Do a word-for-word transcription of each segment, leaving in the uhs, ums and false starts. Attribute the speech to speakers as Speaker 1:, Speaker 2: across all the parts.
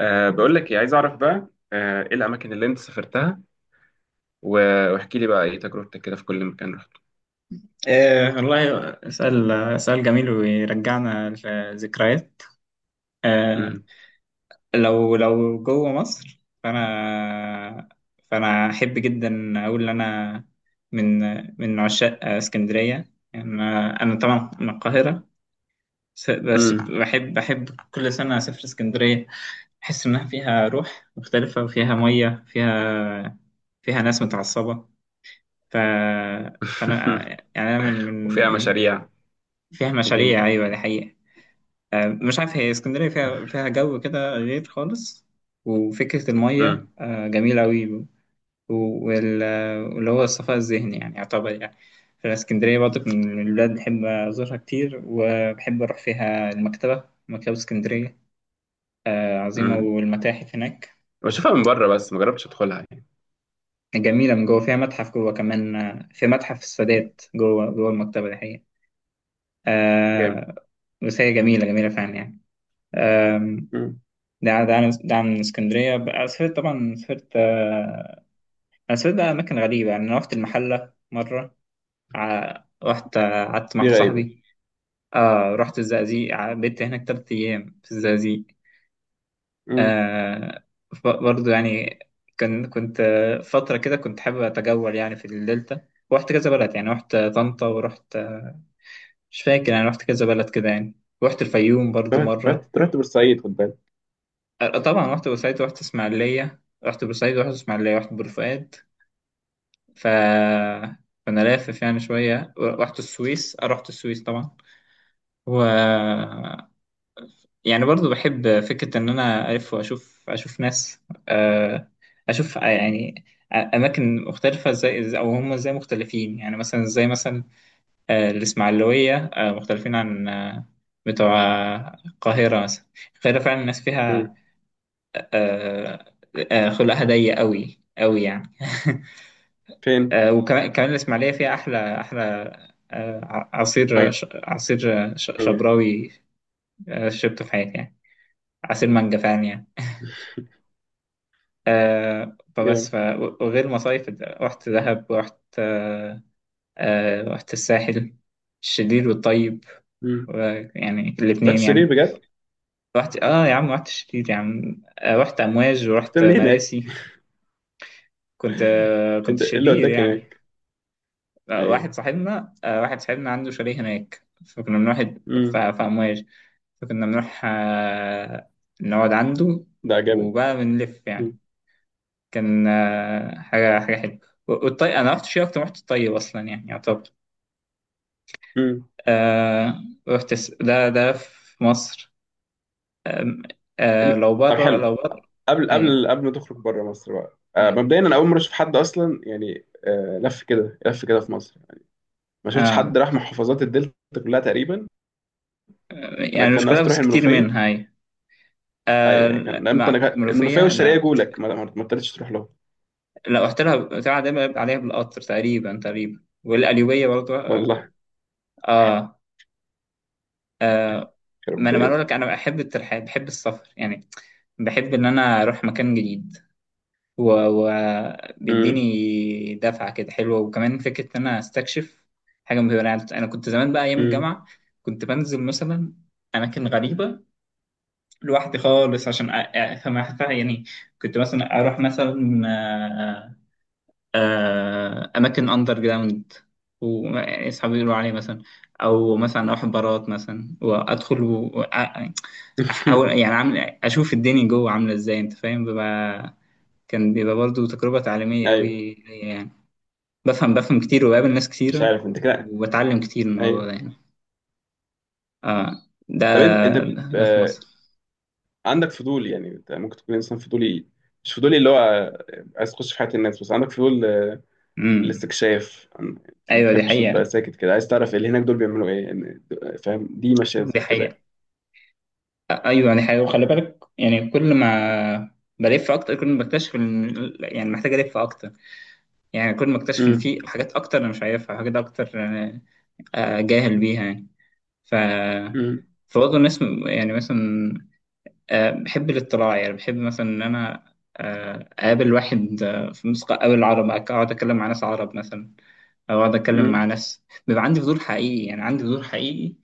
Speaker 1: أه بقول لك إيه، عايز اعرف بقى آه، ايه الاماكن اللي انت سافرتها و- واحكي لي بقى ايه تجربتك كده في كل مكان رحته.
Speaker 2: آه والله سؤال سؤال جميل ويرجعنا لذكريات. آه
Speaker 1: امم.
Speaker 2: لو لو جوه مصر، فأنا فأنا أحب جدا أقول إن أنا من من عشاق اسكندرية. يعني أنا أنا طبعا من القاهرة، س- بس
Speaker 1: امم.
Speaker 2: بحب بحب كل سنة أسافر اسكندرية. أحس إنها فيها روح مختلفة، وفيها مية، فيها فيها ناس متعصبة. ف... فأنا يعني أنا من
Speaker 1: وفيها
Speaker 2: من
Speaker 1: مشاريع.
Speaker 2: فيها
Speaker 1: وجني.
Speaker 2: مشاريع، أيوة دي حقيقة. آه، مش عارف، هي اسكندرية فيها فيها جو كده غير خالص. وفكرة المية
Speaker 1: امم.
Speaker 2: آه، جميلة أوي، و- وال- آه، واللي هو الصفاء الذهني، يعني يعتبر. يعني في اسكندرية برضك من البلاد بحب أزورها كتير، وبحب أروح فيها المكتبة، مكتبة اسكندرية آه، عظيمة،
Speaker 1: امم.
Speaker 2: والمتاحف هناك
Speaker 1: بشوفها من بره بس ما جربتش ادخلها يعني.
Speaker 2: جميلة من جوه. فيها متحف جوه كمان، آه، في متحف السادات جوه جوه المكتبة، دي حقيقة.
Speaker 1: جامد.
Speaker 2: آه، بس هي جميلة جميلة فعلا يعني.
Speaker 1: امم.
Speaker 2: ده عن- ده عن ده عن اسكندرية. بقى سافرت، طبعا سافرت آه، أنا سافرت بقى أماكن غريبة يعني. أنا رحت المحلة مرة، ع- رحت آه، قعدت مع
Speaker 1: دي
Speaker 2: واحد
Speaker 1: غريبه.
Speaker 2: صاحبي. آه رحت الزقازيق، ع- بيت هناك تلات أيام في الزقازيق.
Speaker 1: امم.
Speaker 2: آه ف- برضه يعني كان كنت آه، فترة كده كنت حابب أتجول يعني في الدلتا. رحت كذا بلد يعني، رحت طنطا، ورحت آه، مش فاكر، يعني رحت كذا بلد كده يعني. رحت الفيوم برضه
Speaker 1: رحت
Speaker 2: مرة.
Speaker 1: رحت رحت بورسعيد، خد بالك.
Speaker 2: آه، طبعا رحت بورسعيد ورحت إسماعيلية، رحت بورسعيد ورحت إسماعيلية، رحت بورفؤاد. ف فانا لافف يعني شويه. رحت السويس، آه، رحت السويس طبعا. و يعني برضو بحب فكره ان انا الف واشوف، اشوف ناس، آه، اشوف يعني اماكن مختلفه ازاي، او هم ازاي مختلفين. يعني مثلا زي مثلا آه، الاسماعيلويه آه، مختلفين عن آه، بتوع آه، القاهره مثلا. القاهره فعلا الناس
Speaker 1: امم.
Speaker 2: فيها آه، آه، خلقها ضيق قوي قوي يعني.
Speaker 1: فين.
Speaker 2: آه، وكمان كمان الإسماعيلية فيها أحلى أحلى آه، ع- عصير
Speaker 1: مانجا.
Speaker 2: ش- عصير ش- شبراوي. آه، شربته في حياتي يعني عصير مانجا فعلا يعني. آه، فبس ف...
Speaker 1: جامد.
Speaker 2: وغير مصايف، رحت دهب ورحت آه، آه، رحت الساحل، الشرير والطيب،
Speaker 1: امم.
Speaker 2: و- يعني
Speaker 1: رحت
Speaker 2: الاتنين
Speaker 1: شرير
Speaker 2: يعني.
Speaker 1: بجد؟
Speaker 2: رحت، اه يا عم، رحت الشرير يا عم. آه، رحت أمواج
Speaker 1: كنت
Speaker 2: ورحت
Speaker 1: بتعمل ايه هناك؟
Speaker 2: مراسي. كنت آه، كنت
Speaker 1: انت ايه اللي
Speaker 2: شرير
Speaker 1: وداك
Speaker 2: يعني.
Speaker 1: هناك؟
Speaker 2: لا، واحد
Speaker 1: ايوه.
Speaker 2: صاحبنا، آه، واحد صاحبنا عنده شاليه هناك، فكنا بنروح، ف-
Speaker 1: امم.
Speaker 2: في أمواج، فكنا بنروح آه، نقعد عنده،
Speaker 1: ده جامد.
Speaker 2: وبقى بنلف يعني.
Speaker 1: امم.
Speaker 2: كان آه، حاجة حاجة حلوة. والطي أنا رحت شيء أكتر، رحت الطيب أصلا يعني يعتبر.
Speaker 1: امم.
Speaker 2: آه، رحت الس- ده ده في مصر. آم، آه، لو
Speaker 1: طب
Speaker 2: بره،
Speaker 1: حلو.
Speaker 2: لو بره.
Speaker 1: قبل
Speaker 2: أيوه،
Speaker 1: قبل قبل ما تخرج بره مصر بقى، آه،
Speaker 2: أيوه.
Speaker 1: مبدئيا انا اول مره اشوف حد اصلا يعني، آه، لف كده لف كده في مصر. ما شفتش
Speaker 2: آه،
Speaker 1: حد راح محافظات الدلتا كلها تقريبا. انا
Speaker 2: يعني
Speaker 1: كان
Speaker 2: مش كلها
Speaker 1: ناقص
Speaker 2: بس
Speaker 1: تروح
Speaker 2: كتير
Speaker 1: المنوفيه.
Speaker 2: منها، أيوه. آه،
Speaker 1: اي كان
Speaker 2: لا،
Speaker 1: لا، انت انا
Speaker 2: مع-
Speaker 1: كان- المنوفيه
Speaker 2: منوفية
Speaker 1: والشرقيه
Speaker 2: لا.
Speaker 1: جولك ما ما ما قدرتش تروح لهم.
Speaker 2: لا، رحت لها بتاع، دايما بيبقى عليها بالقطر، تقريبا تقريبا، والقليوبية برضه.
Speaker 1: والله.
Speaker 2: اه، ما انا
Speaker 1: ربيت.
Speaker 2: بقول لك، انا بحب الترحال بحب السفر يعني. بحب ان انا اروح مكان جديد،
Speaker 1: امم.
Speaker 2: وبيديني دفعة كده حلوة، وكمان فكرة ان انا استكشف حاجة مهمة. انا أنا كنت زمان بقى ايام
Speaker 1: امم.
Speaker 2: الجامعة كنت بنزل مثلا اماكن غريبة لوحدي خالص، عشان أ- أ- افهم يعني. كنت مثلا اروح مثلا آه، آه، اماكن اندر جراوند واصحابي يقولوا عليه مثلا، او مثلا اروح بارات مثلا وادخل، و- وأ- احاول يعني، عامل اشوف الدنيا جوه عامله ازاي، انت فاهم. ببقى، كان بيبقى برضو تجربه تعليميه
Speaker 1: ايوه.
Speaker 2: قوي ليا يعني. بفهم بفهم كتير، وبقابل ناس
Speaker 1: مش
Speaker 2: كتيره،
Speaker 1: عارف انت كده.
Speaker 2: وبتعلم كتير من الموضوع
Speaker 1: ايوه.
Speaker 2: ده يعني. اه. ده
Speaker 1: طب انت انت ب-
Speaker 2: ده في
Speaker 1: آه،
Speaker 2: مصر.
Speaker 1: عندك فضول يعني. انت ممكن تكون انسان فضولي. مش فضولي اللي هو آه، عايز تخش في حياه الناس، بس عندك فضول
Speaker 2: امم.
Speaker 1: الاستكشاف. أنا ما
Speaker 2: ايوه دي
Speaker 1: بتحبش تبقى
Speaker 2: حقيقه.
Speaker 1: ساكت كده، عايز تعرف اللي هناك دول بيعملوا ايه يعني. فاهم؟ دي ماشيه
Speaker 2: دي
Speaker 1: زي كده.
Speaker 2: حقيقه ايوه دي حقيقه وخلي بالك، يعني كل ما بلف اكتر، كل ما بكتشف إن- يعني محتاج الف اكتر. يعني كل ما اكتشف ان
Speaker 1: امم.
Speaker 2: في حاجات اكتر انا مش عارفها، حاجات اكتر آه، آه، جاهل بيها يعني. ف
Speaker 1: امم.
Speaker 2: فبرضه الناس م- يعني مثلا، آه، بحب الاطلاع، يعني بحب مثلا ان انا آه، اقابل واحد آه، في مصر، اقابل عرب، اقعد اتكلم مع ناس عرب مثلا، او اقعد اتكلم مع
Speaker 1: امم.
Speaker 2: ناس. بيبقى عندي فضول حقيقي يعني، عندي فضول حقيقي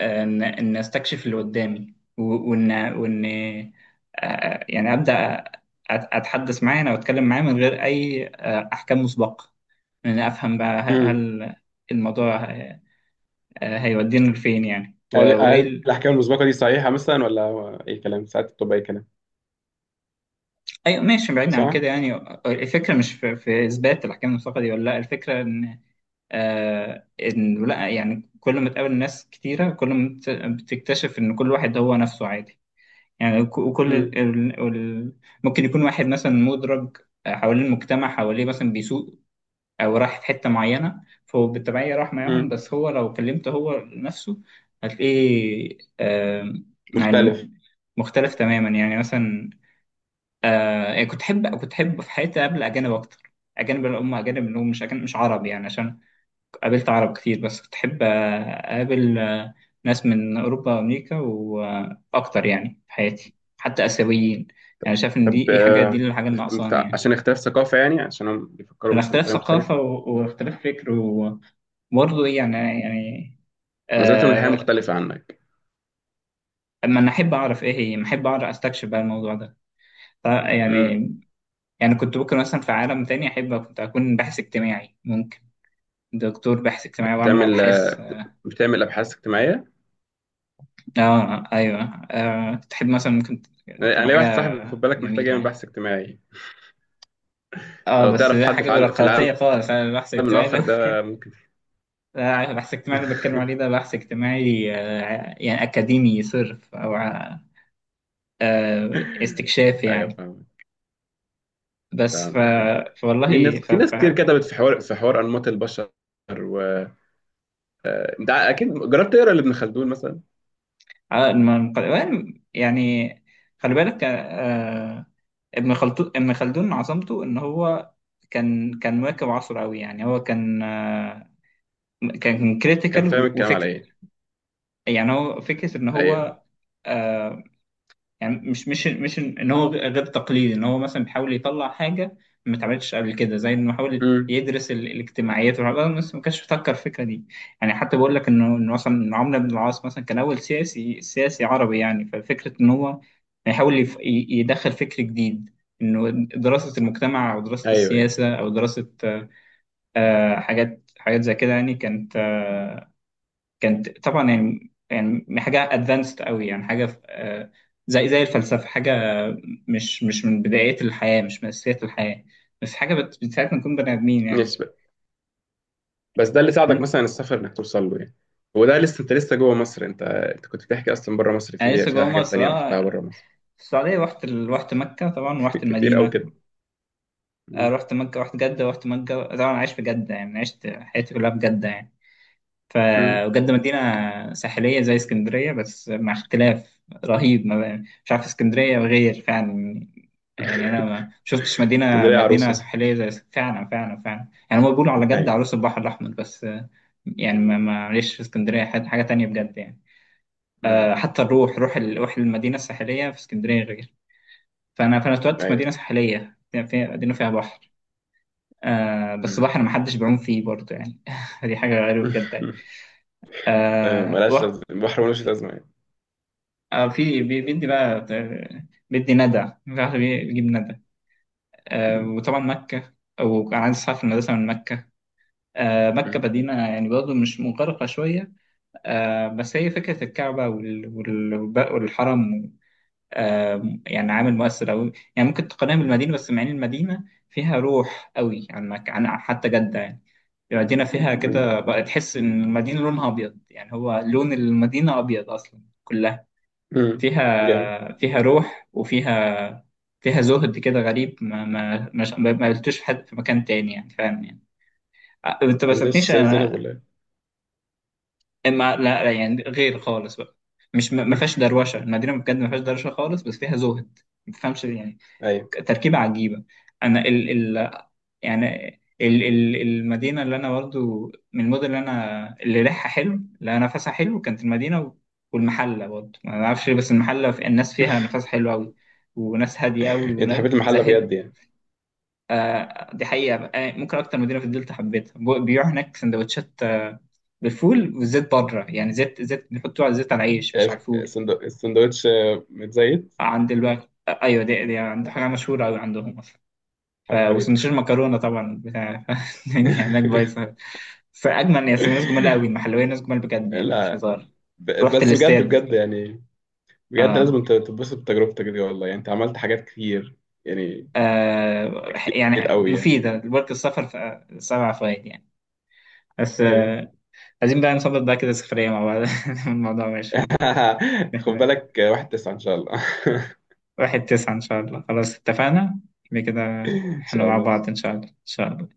Speaker 2: آه، ان ان استكشف اللي قدامي، و- وان وان آه، يعني ابدا أت- اتحدث معاه او اتكلم معاه من غير اي آه، احكام مسبقه. يعني أفهم بقى، هل
Speaker 1: امم.
Speaker 2: هل الموضوع آه، هيودينا لفين يعني، و-
Speaker 1: هل
Speaker 2: وإيه
Speaker 1: هل
Speaker 2: ال...
Speaker 1: الاحكام المسبقه دي صحيحه مثلا، ولا هو اي كلام، ساعات بتبقى اي كلام؟
Speaker 2: أيوة ماشي، بعيد عن
Speaker 1: صح.
Speaker 2: كده يعني. الفكرة مش في, في إثبات الأحكام المعتقدي ولا لأ، الفكرة إن آه إن لأ، يعني كل ما تقابل ناس كتيرة، كل ما بت- بتكتشف إن كل واحد هو نفسه عادي. يعني ك- وكل
Speaker 1: امم.
Speaker 2: ال... ال... ال... ممكن يكون واحد مثلا مدرج حوالين المجتمع حواليه مثلا بيسوق، او راح في حته معينه فهو بالتبعيه راح معاهم،
Speaker 1: امم.
Speaker 2: بس هو لو كلمته هو نفسه هتلاقيه آم، يعني
Speaker 1: مختلف.
Speaker 2: مختلف تماما. يعني مثلا آه، يعني كنت احب كنت احب في حياتي قبل اجانب اكتر. اجانب اللي هم، اجانب اللي هم مش أجانب مش عرب يعني، عشان قابلت عرب كتير، بس كنت احب آه، اقابل آه، ناس من اوروبا وامريكا، واكتر يعني في حياتي حتى اسيويين. يعني شايف ان دي
Speaker 1: طب
Speaker 2: دي حاجه دي
Speaker 1: آه،
Speaker 2: الحاجه اللي
Speaker 1: مخت...
Speaker 2: ناقصاني يعني،
Speaker 1: عشان اختلاف ثقافه، يعني عشان هم بيفكروا
Speaker 2: عشان
Speaker 1: مثلا
Speaker 2: اختلاف
Speaker 1: بطريقه
Speaker 2: ثقافة،
Speaker 1: مختلفه.
Speaker 2: و- واختلاف فكر، و- وبرضه إيه يعني يعني
Speaker 1: نظرتهم للحياه
Speaker 2: آه
Speaker 1: مختلفه عنك.
Speaker 2: اما انا احب اعرف ايه هي، احب اعرف، استكشف بقى الموضوع ده. ف-
Speaker 1: امم.
Speaker 2: يعني يعني كنت ممكن مثلا في عالم تاني احب، كنت اكون باحث اجتماعي، ممكن دكتور باحث اجتماعي، واعمل
Speaker 1: بتعمل
Speaker 2: ابحاث.
Speaker 1: آه، بتعمل ابحاث اجتماعيه.
Speaker 2: اه ايوه. آه تحب مثلا، ممكن
Speaker 1: انا أنا
Speaker 2: تبقى
Speaker 1: ليا واحد
Speaker 2: حاجة
Speaker 1: صاحبي، خد بالك، محتاج
Speaker 2: جميلة
Speaker 1: يعمل
Speaker 2: يعني.
Speaker 1: بحث اجتماعي.
Speaker 2: اه
Speaker 1: لو
Speaker 2: بس
Speaker 1: تعرف
Speaker 2: ده
Speaker 1: حد
Speaker 2: حاجة
Speaker 1: في عل- في العالم،
Speaker 2: بيروقراطية خالص، أنا البحث
Speaker 1: من
Speaker 2: الاجتماعي ده.
Speaker 1: الآخر ده ممكن.
Speaker 2: لا، البحث الاجتماعي اللي بتكلم عليه ده بحث اجتماعي آه، يعني أكاديمي صرف، أو آه، استكشاف
Speaker 1: أيوه،
Speaker 2: يعني.
Speaker 1: فاهمك.
Speaker 2: بس ف...
Speaker 1: فاهمك فاهم. في ناس
Speaker 2: فوالله ف...
Speaker 1: في
Speaker 2: ف...
Speaker 1: ناس كتير كتبت في حوار في حوار أنماط البشر، و آه، أنت أكيد جربت تقرا لابن خلدون مثلا.
Speaker 2: آه، الم- الم- يعني خلي بالك، آه، ابن خلدون ابن خلدون عظمته ان هو كان كان مواكب عصره قوي يعني. هو كان آه، كان
Speaker 1: كان
Speaker 2: كريتيكال
Speaker 1: فاهم الكلام على
Speaker 2: وفكر.
Speaker 1: إيه.
Speaker 2: يعني هو فكرة ان
Speaker 1: أيوه.
Speaker 2: هو آه، يعني مش مش مش ان هو غير تقليدي، ان هو مثلا بيحاول يطلع حاجه ما اتعملتش قبل كده، زي انه يحاول
Speaker 1: امم.
Speaker 2: يدرس ال- الاجتماعيات والحاجات دي، بس ما كانش بيفكر الفكره دي يعني. حتى بقول لك انه إنه مثلا إن عمرو بن العاص مثلا كان اول سياسي سياسي عربي يعني. ففكره ان هو يحاول يف- ي- يدخل فكر جديد، انه دراسه المجتمع، او دراسه
Speaker 1: أيوه، أيوه.
Speaker 2: السياسه، او دراسه آه، حاجات حاجات زي كده يعني. كانت آه، كانت طبعا يعني يعني حاجه ادفانسد قوي، يعني حاجه في- آه، زي زي الفلسفه. حاجه مش مش من بدايات الحياه، مش من اساسيات الحياه، بس حاجه بت- بتساعدنا نكون بني ادمين يعني.
Speaker 1: ماشي بقى. بس ده اللي ساعدك
Speaker 2: كمان.
Speaker 1: مثلا السفر، إنك توصل له يعني. وده لسه انت لسه جوه مصر. انت انت كنت بتحكي اصلا بره مصر؟
Speaker 2: انا
Speaker 1: في
Speaker 2: لسه
Speaker 1: فيها
Speaker 2: جوه
Speaker 1: حاجات
Speaker 2: مصر،
Speaker 1: تانية رحتها
Speaker 2: اه،
Speaker 1: بره مصر؟
Speaker 2: في السعوديه رحت ال- رحت مكه طبعا، رحت
Speaker 1: كتير قوي
Speaker 2: المدينه.
Speaker 1: كده.
Speaker 2: آه،
Speaker 1: مم.
Speaker 2: رحت مكه رحت جده، رحت مكه طبعا، عايش في جده يعني، عشت حياتي كلها في جده يعني.
Speaker 1: مم.
Speaker 2: فبجد مدينة ساحلية زي اسكندرية، بس مع اختلاف رهيب. ما بقى- مش عارف، اسكندرية غير فعلا. يعني أنا ما شفتش مدينة،
Speaker 1: اسكندريه
Speaker 2: مدينة
Speaker 1: عروسه.
Speaker 2: ساحلية زي اس- فعلا فعلا فعلا يعني، هما بيقولوا على جد
Speaker 1: ايوه.
Speaker 2: عروس البحر الأحمر، بس آه، يعني ما معلش، في اسكندرية حاجة حاجة تانية بجد يعني. آه،
Speaker 1: مم.
Speaker 2: حتى الروح، روح ال- روح المدينة الساحلية في اسكندرية غير. فأنا فأنا اتولدت في مدينة
Speaker 1: ايوه.
Speaker 2: ساحلية، يعني في مدينة فيها بحر آه، بس
Speaker 1: مم.
Speaker 2: بحر محدش بيعوم فيه برضه يعني. دي حاجة غريبة بجد يعني.
Speaker 1: تمام،
Speaker 2: آه.
Speaker 1: ملهاش لازمه البحر، ملوش لازمه
Speaker 2: اه، في بي- بيدي بقى، آه، بيدي ندى، مش عارف بي- بيجيب ندى. آه
Speaker 1: يعني.
Speaker 2: وطبعا مكة، وكان عندي أصحاب في المدرسة من مكة. آه مكة
Speaker 1: مم.
Speaker 2: مدينة يعني برضه مش مغرقة شوية. آه بس هي فكرة الكعبة وال- وال- والحرم آه يعني عامل مؤثر أوي يعني. ممكن تقارنها بالمدينة، بس مع إن المدينة فيها روح أوي عن مك... عن حتى جدة يعني. المدينة فيها
Speaker 1: مم.
Speaker 2: كده بقى، تحس إن المدينة لونها أبيض، يعني هو لون المدينة أبيض أصلا كلها.
Speaker 1: مم. جامد.
Speaker 2: فيها فيها روح، وفيها فيها زهد كده غريب، ما ما ما ما ما قلتوش في حد في مكان تاني يعني، فاهم يعني. أ- انت ما
Speaker 1: ما نزلتش
Speaker 2: سبتنيش
Speaker 1: استاذ زينب
Speaker 2: انا.
Speaker 1: ولا ايه؟
Speaker 2: ما لا لا، يعني غير خالص بقى. مش ما ما فيهاش دروشه، المدينه بجد ما فيهاش دروشه خالص، بس فيها زهد ما تفهمش يعني.
Speaker 1: ايوه.
Speaker 2: تركيبه عجيبه. انا ال ال يعني ال- ال- المدينة اللي أنا برضو من المدن اللي أنا اللي ريحها حلو، اللي نفسها حلو، كانت المدينة، و- والمحلة برضو ما أعرفش ليه، بس المحلة في- الناس فيها نفسها حلو أوي، وناس هادية أوي،
Speaker 1: إيه، انت
Speaker 2: وناس
Speaker 1: حبيت المحل
Speaker 2: زاهدة.
Speaker 1: بجد يعني؟
Speaker 2: آه دي حقيقة بقى. آه، ممكن أكتر مدينة في الدلتا حبيتها. ب- بيبيعوا هناك سندوتشات آه، بالفول والزيت، بره يعني، زيت زيت بيحطوه على الزيت، على العيش مش على
Speaker 1: عرفت
Speaker 2: الفول.
Speaker 1: السندو- السندوتش متزيت.
Speaker 2: آه، عند الوقت. آه، أيوة دي, دي عند حاجة مشهورة أوي عندهم أصلا. ف
Speaker 1: حاجه غريبه.
Speaker 2: وسندوتشات مكرونه طبعا بتاع ف- يعني هناك بايظه، بس اجمل يا سيدي. ناس جمال قوي، المحلويه ناس جمال بجد يعني، مش
Speaker 1: لا.
Speaker 2: هزار.
Speaker 1: ب-
Speaker 2: رحت
Speaker 1: بس بجد
Speaker 2: الاستاد.
Speaker 1: بجد يعني. بجد لازم
Speaker 2: آه.
Speaker 1: انت تتبسط بتجربتك دي والله، يعني انت عملت حاجات كتير يعني.
Speaker 2: آه
Speaker 1: كتير
Speaker 2: يعني
Speaker 1: قوي يعني.
Speaker 2: مفيده برضه السفر، ف- سبع فوائد يعني. بس
Speaker 1: ايوه.
Speaker 2: آه. عايزين بقى نظبط بقى كده سفريه مع بعض. الموضوع ماشي.
Speaker 1: خد بالك، واحد تسعة ان شاء الله.
Speaker 2: واحد تسعة إن شاء الله خلاص اتفقنا، كده كده،
Speaker 1: ان
Speaker 2: احنا
Speaker 1: شاء
Speaker 2: مع
Speaker 1: الله.
Speaker 2: بعض إن شاء الله إن شاء الله.